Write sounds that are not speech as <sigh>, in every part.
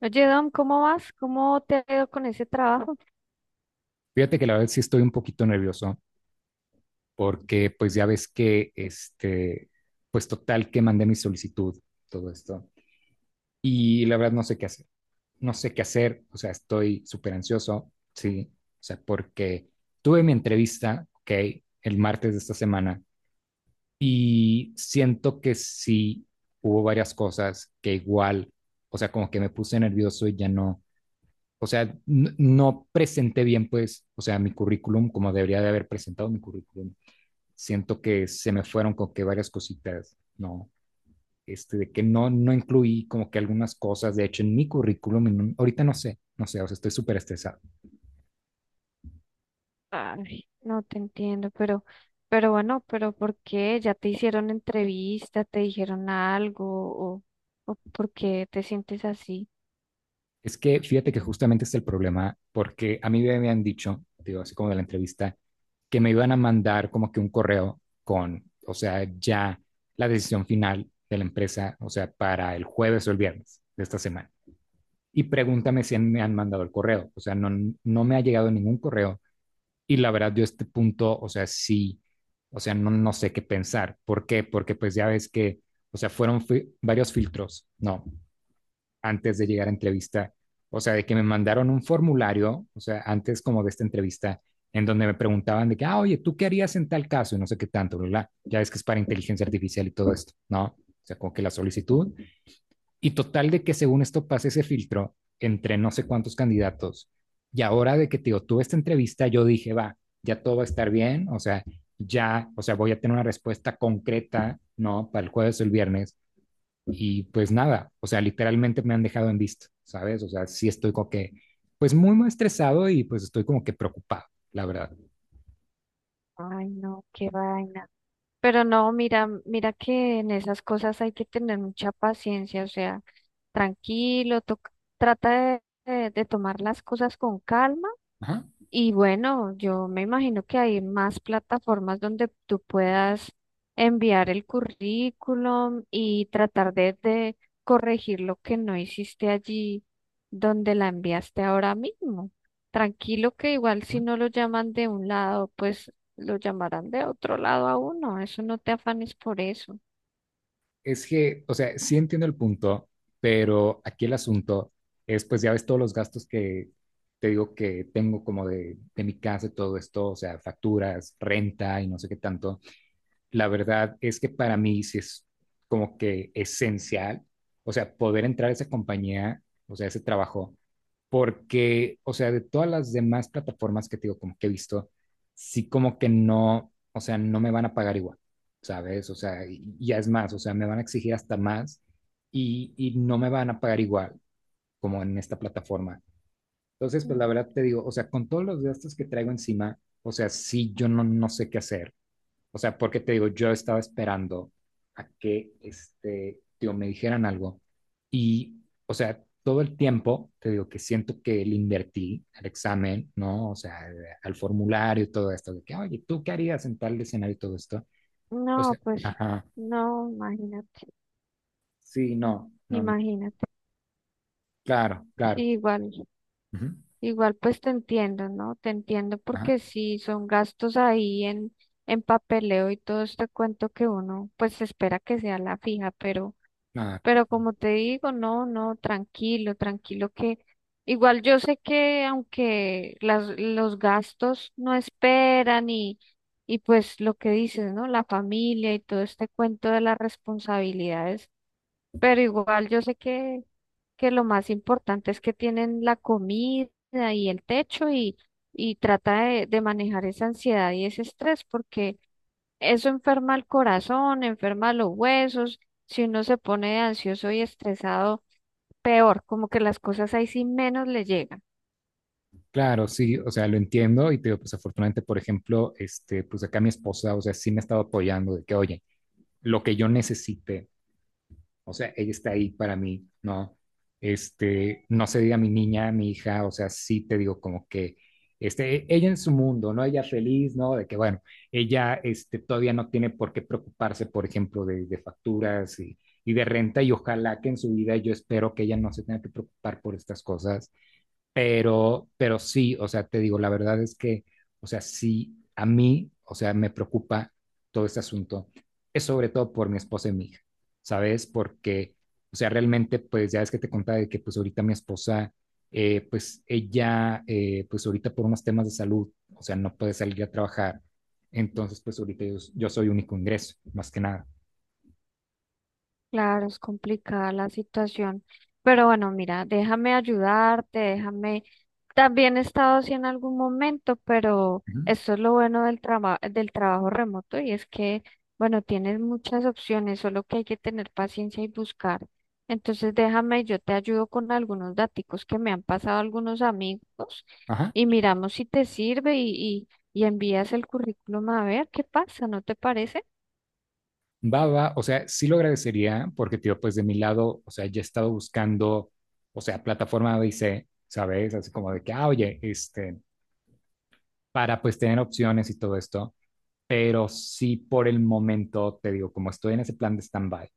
Oye, Dom, ¿cómo vas? ¿Cómo te ha ido con ese trabajo? Fíjate que la verdad sí estoy un poquito nervioso porque pues ya ves que pues total que mandé mi solicitud, todo esto. Y la verdad no sé qué hacer, no sé qué hacer, o sea, estoy súper ansioso, sí, o sea, porque tuve mi entrevista, ok, el martes de esta semana y siento que sí hubo varias cosas que igual, o sea, como que me puse nervioso y ya no, o sea, no presenté bien, pues, o sea, mi currículum como debería de haber presentado mi currículum siento que se me fueron con que varias cositas, ¿no? De que no, no incluí como que algunas cosas, de hecho, en mi currículum, ahorita no sé, no sé, o sea, estoy súper estresado. Ay, no te entiendo, pero bueno, pero ¿por qué? ¿Ya te hicieron entrevista? ¿Te dijeron algo? ¿O por qué te sientes así? Es que fíjate que justamente es el problema, porque a mí me habían dicho, digo, así como de la entrevista, que me iban a mandar como que un correo con, o sea, ya la decisión final de la empresa, o sea, para el jueves o el viernes de esta semana. Y pregúntame si me han mandado el correo, o sea, no, no me ha llegado ningún correo. Y la verdad, yo a este punto, o sea, sí, o sea, no, no sé qué pensar. ¿Por qué? Porque pues ya ves que, o sea, varios filtros, ¿no? Antes de llegar a entrevista, o sea, de que me mandaron un formulario, o sea, antes como de esta entrevista, en donde me preguntaban de que, ah, oye, ¿tú qué harías en tal caso? Y no sé qué tanto, bla, bla. Ya ves que es para inteligencia artificial y todo esto, ¿no? O sea, como que la solicitud y total de que según esto pase ese filtro entre no sé cuántos candidatos. Y ahora de que te digo, tuve esta entrevista, yo dije, va, ya todo va a estar bien, o sea, ya, o sea, voy a tener una respuesta concreta, ¿no? Para el jueves o el viernes. Y pues nada, o sea, literalmente me han dejado en visto, ¿sabes? O sea, sí estoy como que, pues muy, muy estresado y pues estoy como que preocupado, la verdad. Ay, no, qué vaina. Pero no, mira que en esas cosas hay que tener mucha paciencia, o sea, tranquilo, trata de tomar las cosas con calma. Ajá. Y bueno, yo me imagino que hay más plataformas donde tú puedas enviar el currículum y tratar de corregir lo que no hiciste allí donde la enviaste ahora mismo. Tranquilo que igual si no lo llaman de un lado, pues lo llamarán de otro lado a uno. Eso no te afanes por eso. Es que, o sea, sí entiendo el punto, pero aquí el asunto es, pues ya ves todos los gastos que te digo que tengo como de mi casa y todo esto, o sea, facturas, renta y no sé qué tanto. La verdad es que para mí sí es como que esencial, o sea, poder entrar a esa compañía, o sea, ese trabajo, porque, o sea, de todas las demás plataformas que te digo, como que he visto, sí como que no, o sea, no me van a pagar igual, ¿sabes? O sea, y ya es más, o sea, me van a exigir hasta más y no me van a pagar igual como en esta plataforma. Entonces, pues Mm. la verdad te digo, o sea, con todos los gastos que traigo encima, o sea, sí, yo no, no sé qué hacer. O sea, porque te digo, yo estaba esperando a que, digo, me dijeran algo. Y, o sea, todo el tiempo, te digo, que siento que le invertí al examen, ¿no? O sea, al formulario y todo esto, de que, oye, ¿tú qué harías en tal escenario y todo esto? O No, sea, pues ajá, no, imagínate, sí, no, no, no. imagínate. Claro, claro, Sí, igual. ujú, Igual pues te entiendo, ¿no? Te entiendo ajá, porque sí son gastos en papeleo y todo este cuento que uno pues espera que sea la fija, ah, pero como te digo, no, no, tranquilo, tranquilo que igual yo sé que aunque los gastos no esperan y pues lo que dices, ¿no? La familia y todo este cuento de las responsabilidades, pero igual yo sé que lo más importante es que tienen la comida y el techo y trata de manejar esa ansiedad y ese estrés, porque eso enferma el corazón, enferma los huesos, si uno se pone ansioso y estresado, peor, como que las cosas ahí sí menos le llegan. claro, sí, o sea, lo entiendo y te digo, pues afortunadamente, por ejemplo, pues acá mi esposa, o sea, sí me ha estado apoyando de que, oye, lo que yo necesite. O sea, ella está ahí para mí, ¿no? No se diga mi niña, mi hija, o sea, sí te digo como que, ella en su mundo, ¿no? Ella feliz, ¿no? De que, bueno, ella, todavía no tiene por qué preocuparse, por ejemplo, de facturas y de renta, y ojalá que en su vida yo espero que ella no se tenga que preocupar por estas cosas, pero sí, o sea, te digo, la verdad es que, o sea, sí, a mí, o sea, me preocupa todo este asunto. Es sobre todo por mi esposa y mi hija, ¿sabes? Porque, o sea, realmente, pues ya es que te contaba de que, pues ahorita mi esposa, pues ella, pues ahorita por unos temas de salud, o sea, no puede salir a trabajar. Entonces, pues ahorita yo, yo soy único ingreso, más que nada. Claro, es complicada la situación, pero bueno, mira, déjame ayudarte, déjame. También he estado así en algún momento, pero Ujú. esto es lo bueno del trabajo remoto y es que, bueno, tienes muchas opciones, solo que hay que tener paciencia y buscar. Entonces, déjame, yo te ayudo con algunos daticos que me han pasado algunos amigos Ajá. y miramos si te sirve y envías el currículum a ver qué pasa, ¿no te parece? Va, va, o sea, sí lo agradecería porque, tío, pues de mi lado, o sea, ya he estado buscando, o sea, plataforma A, B, C, ¿sabes? Así como de que, ah, oye, para pues tener opciones y todo esto, pero sí por el momento, te digo, como estoy en ese plan de stand-by,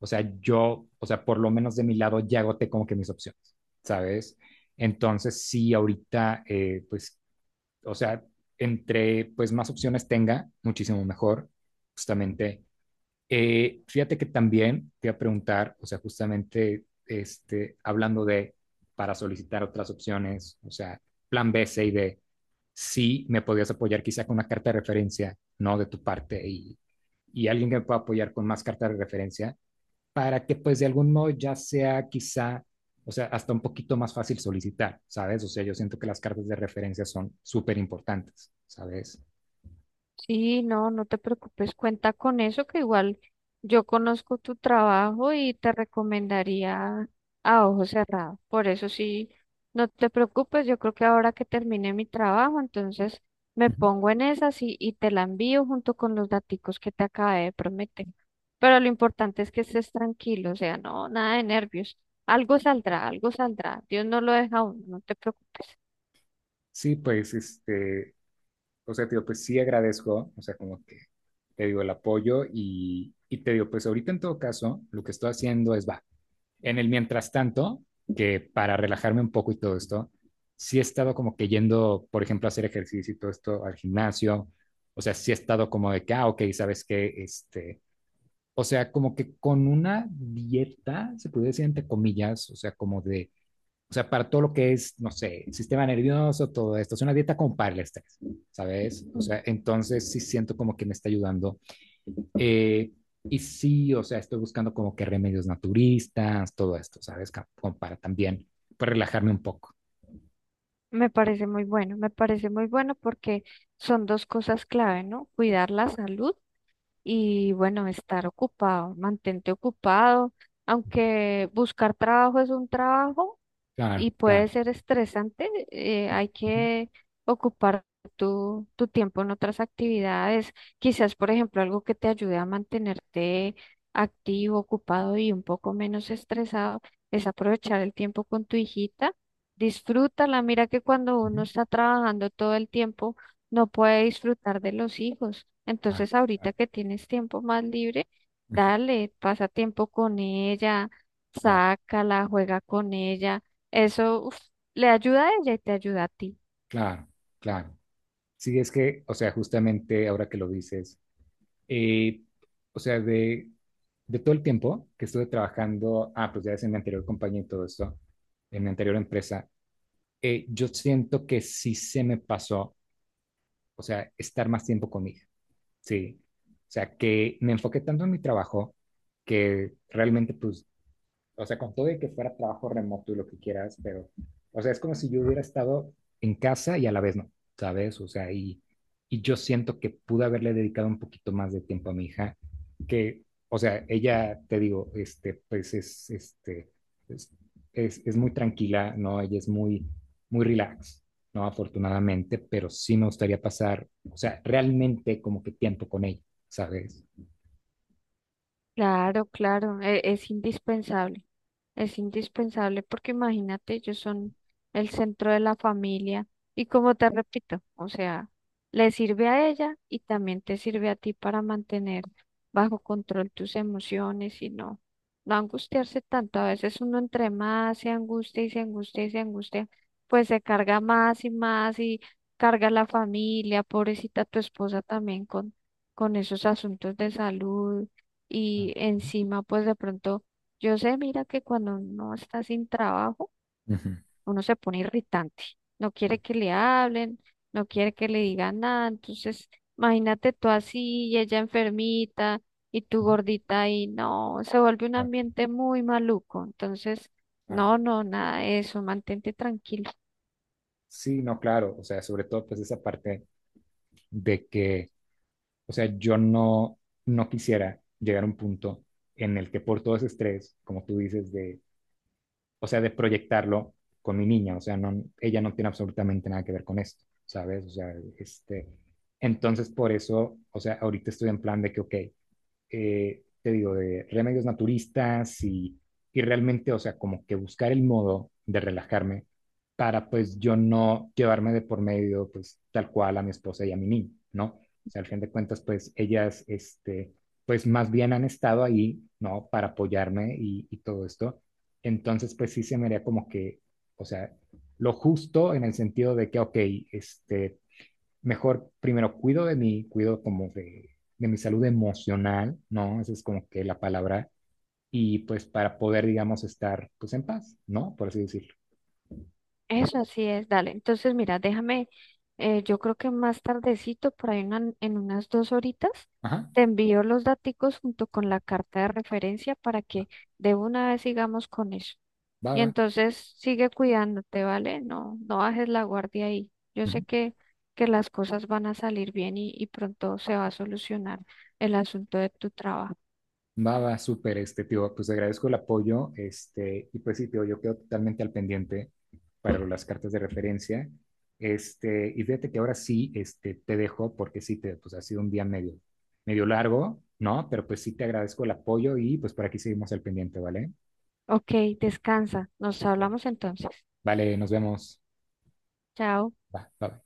o sea, yo, o sea, por lo menos de mi lado ya agoté como que mis opciones, ¿sabes? Entonces, sí, ahorita, pues, o sea, entre pues más opciones tenga, muchísimo mejor, justamente fíjate que también te iba a preguntar, o sea, justamente hablando de para solicitar otras opciones, o sea, plan B, C y D, si me podías apoyar quizá con una carta de referencia, ¿no? De tu parte y alguien que me pueda apoyar con más cartas de referencia para que pues de algún modo ya sea quizá, o sea, hasta un poquito más fácil solicitar, ¿sabes? O sea, yo siento que las cartas de referencia son súper importantes, ¿sabes? Y no, no te preocupes, cuenta con eso, que igual yo conozco tu trabajo y te recomendaría a ojo cerrado. Por eso sí, no te preocupes, yo creo que ahora que termine mi trabajo, entonces me Ujú. pongo en esas y te la envío junto con los daticos que te acabé de prometer. Pero lo importante es que estés tranquilo, o sea, no, nada de nervios. Algo saldrá, algo saldrá. Dios no lo deja a uno, no te preocupes. Sí, pues o sea, te digo, pues sí agradezco, o sea, como que te digo el apoyo y te digo, pues ahorita en todo caso, lo que estoy haciendo es, va, en el mientras tanto, que para relajarme un poco y todo esto, sí he estado como que yendo, por ejemplo, a hacer ejercicio y todo esto al gimnasio, o sea, sí he estado como de que, ah, ok, sabes que, o sea, como que con una dieta, se puede decir entre comillas, o sea, como de o sea, para todo lo que es, no sé, el sistema nervioso, todo esto. Es una dieta como para el estrés, ¿sabes? O sea, entonces sí siento como que me está ayudando. Eh, y sí, o sea, estoy buscando como que remedios naturistas, todo esto, ¿sabes? Como para también, para relajarme un poco. Me parece muy bueno, me parece muy bueno porque son dos cosas clave, ¿no? Cuidar la salud y, bueno, estar ocupado, mantente ocupado, aunque buscar trabajo es un trabajo, Claro, y puede claro. ser estresante. Hay Ujú, que ocupar tu tiempo en otras actividades. Quizás, por ejemplo, algo que te ayude a mantenerte activo, ocupado y un poco menos estresado es aprovechar el tiempo con tu hijita. Disfrútala. Mira que cuando ujú. uno está trabajando todo el tiempo, no puede disfrutar de los hijos. Ah, Entonces, ahorita claro, que tienes tiempo más libre, <laughs> ujú, dale, pasa tiempo con ella, claro, sácala, juega con ella, eso uf, le ayuda a ella y te ayuda a ti. claro, claro. Sí, es que, o sea, justamente ahora que lo dices, Eh, o sea, de todo el tiempo que estuve trabajando, ah, pues ya es en mi anterior compañía y todo esto, en mi anterior empresa, yo siento que sí se me pasó, o sea, estar más tiempo con mi hija, sí. O sea, que me enfoqué tanto en mi trabajo que realmente, pues, o sea, con todo y que fuera trabajo remoto y lo que quieras, pero, o sea, es como si yo hubiera estado en casa y a la vez no, ¿sabes? O sea, y yo siento que pude haberle dedicado un poquito más de tiempo a mi hija, que, o sea, ella, te digo, es, es muy tranquila, ¿no? Ella es muy, muy relax, ¿no? Afortunadamente, pero sí me gustaría pasar, o sea, realmente como que tiempo con ella, ¿sabes? Claro, claro, es indispensable porque imagínate, ellos son el centro de la familia y como te repito, o sea, le sirve a ella y también te sirve a ti para mantener bajo control tus emociones y no, no angustiarse tanto. A veces uno entre más se angustia y se angustia y se angustia, pues se carga más y más y carga la familia, pobrecita tu esposa también con esos asuntos de salud y encima, pues de pronto, yo sé, mira que cuando uno está sin trabajo, Ujú. uno se pone irritante, no quiere que le hablen, no quiere que le digan nada. Entonces, imagínate tú así, y ella enfermita, y tú gordita ahí, no, se vuelve un ambiente muy maluco. Entonces, Ah, no, no, nada de eso, mantente tranquilo. sí, no, claro, o sea, sobre todo pues esa parte de que, o sea, yo no, no quisiera llegar a un punto en el que por todo ese estrés, como tú dices, de, o sea, de proyectarlo con mi niña, o sea, no, ella no tiene absolutamente nada que ver con esto, ¿sabes? O sea, entonces por eso, o sea, ahorita estoy en plan de que, ok, te digo, de remedios naturistas y realmente, o sea, como que buscar el modo de relajarme para pues yo no llevarme de por medio pues tal cual a mi esposa y a mi niño, ¿no? O sea, al fin de cuentas pues ellas, pues más bien han estado ahí, ¿no? Para apoyarme y todo esto. Entonces pues sí se me haría como que, o sea, lo justo en el sentido de que, ok, este, mejor primero cuido de mí, cuido como de mi salud emocional, ¿no? Esa es como que la palabra. Y pues para poder, digamos, estar pues en paz, ¿no? Por así decirlo. Eso así es, dale. Entonces, mira, déjame, yo creo que más tardecito, por ahí en unas 2 horitas, Ajá, te envío los daticos junto con la carta de referencia para que de una vez sigamos con eso. va, Y va. entonces sigue cuidándote, ¿vale? No, no bajes la guardia ahí. Yo sé Ujú. Que las cosas van a salir bien y pronto se va a solucionar el asunto de tu trabajo. Va, va, súper, tío, pues te agradezco el apoyo, y pues sí, tío, yo quedo totalmente al pendiente para las cartas de referencia, y fíjate que ahora sí, te dejo, porque sí, te, pues ha sido un día medio, medio largo, ¿no? Pero pues sí te agradezco el apoyo y pues por aquí seguimos al pendiente, ¿vale? Ok, descansa. Nos hablamos entonces. Vale, nos vemos. Chao. Va, bye.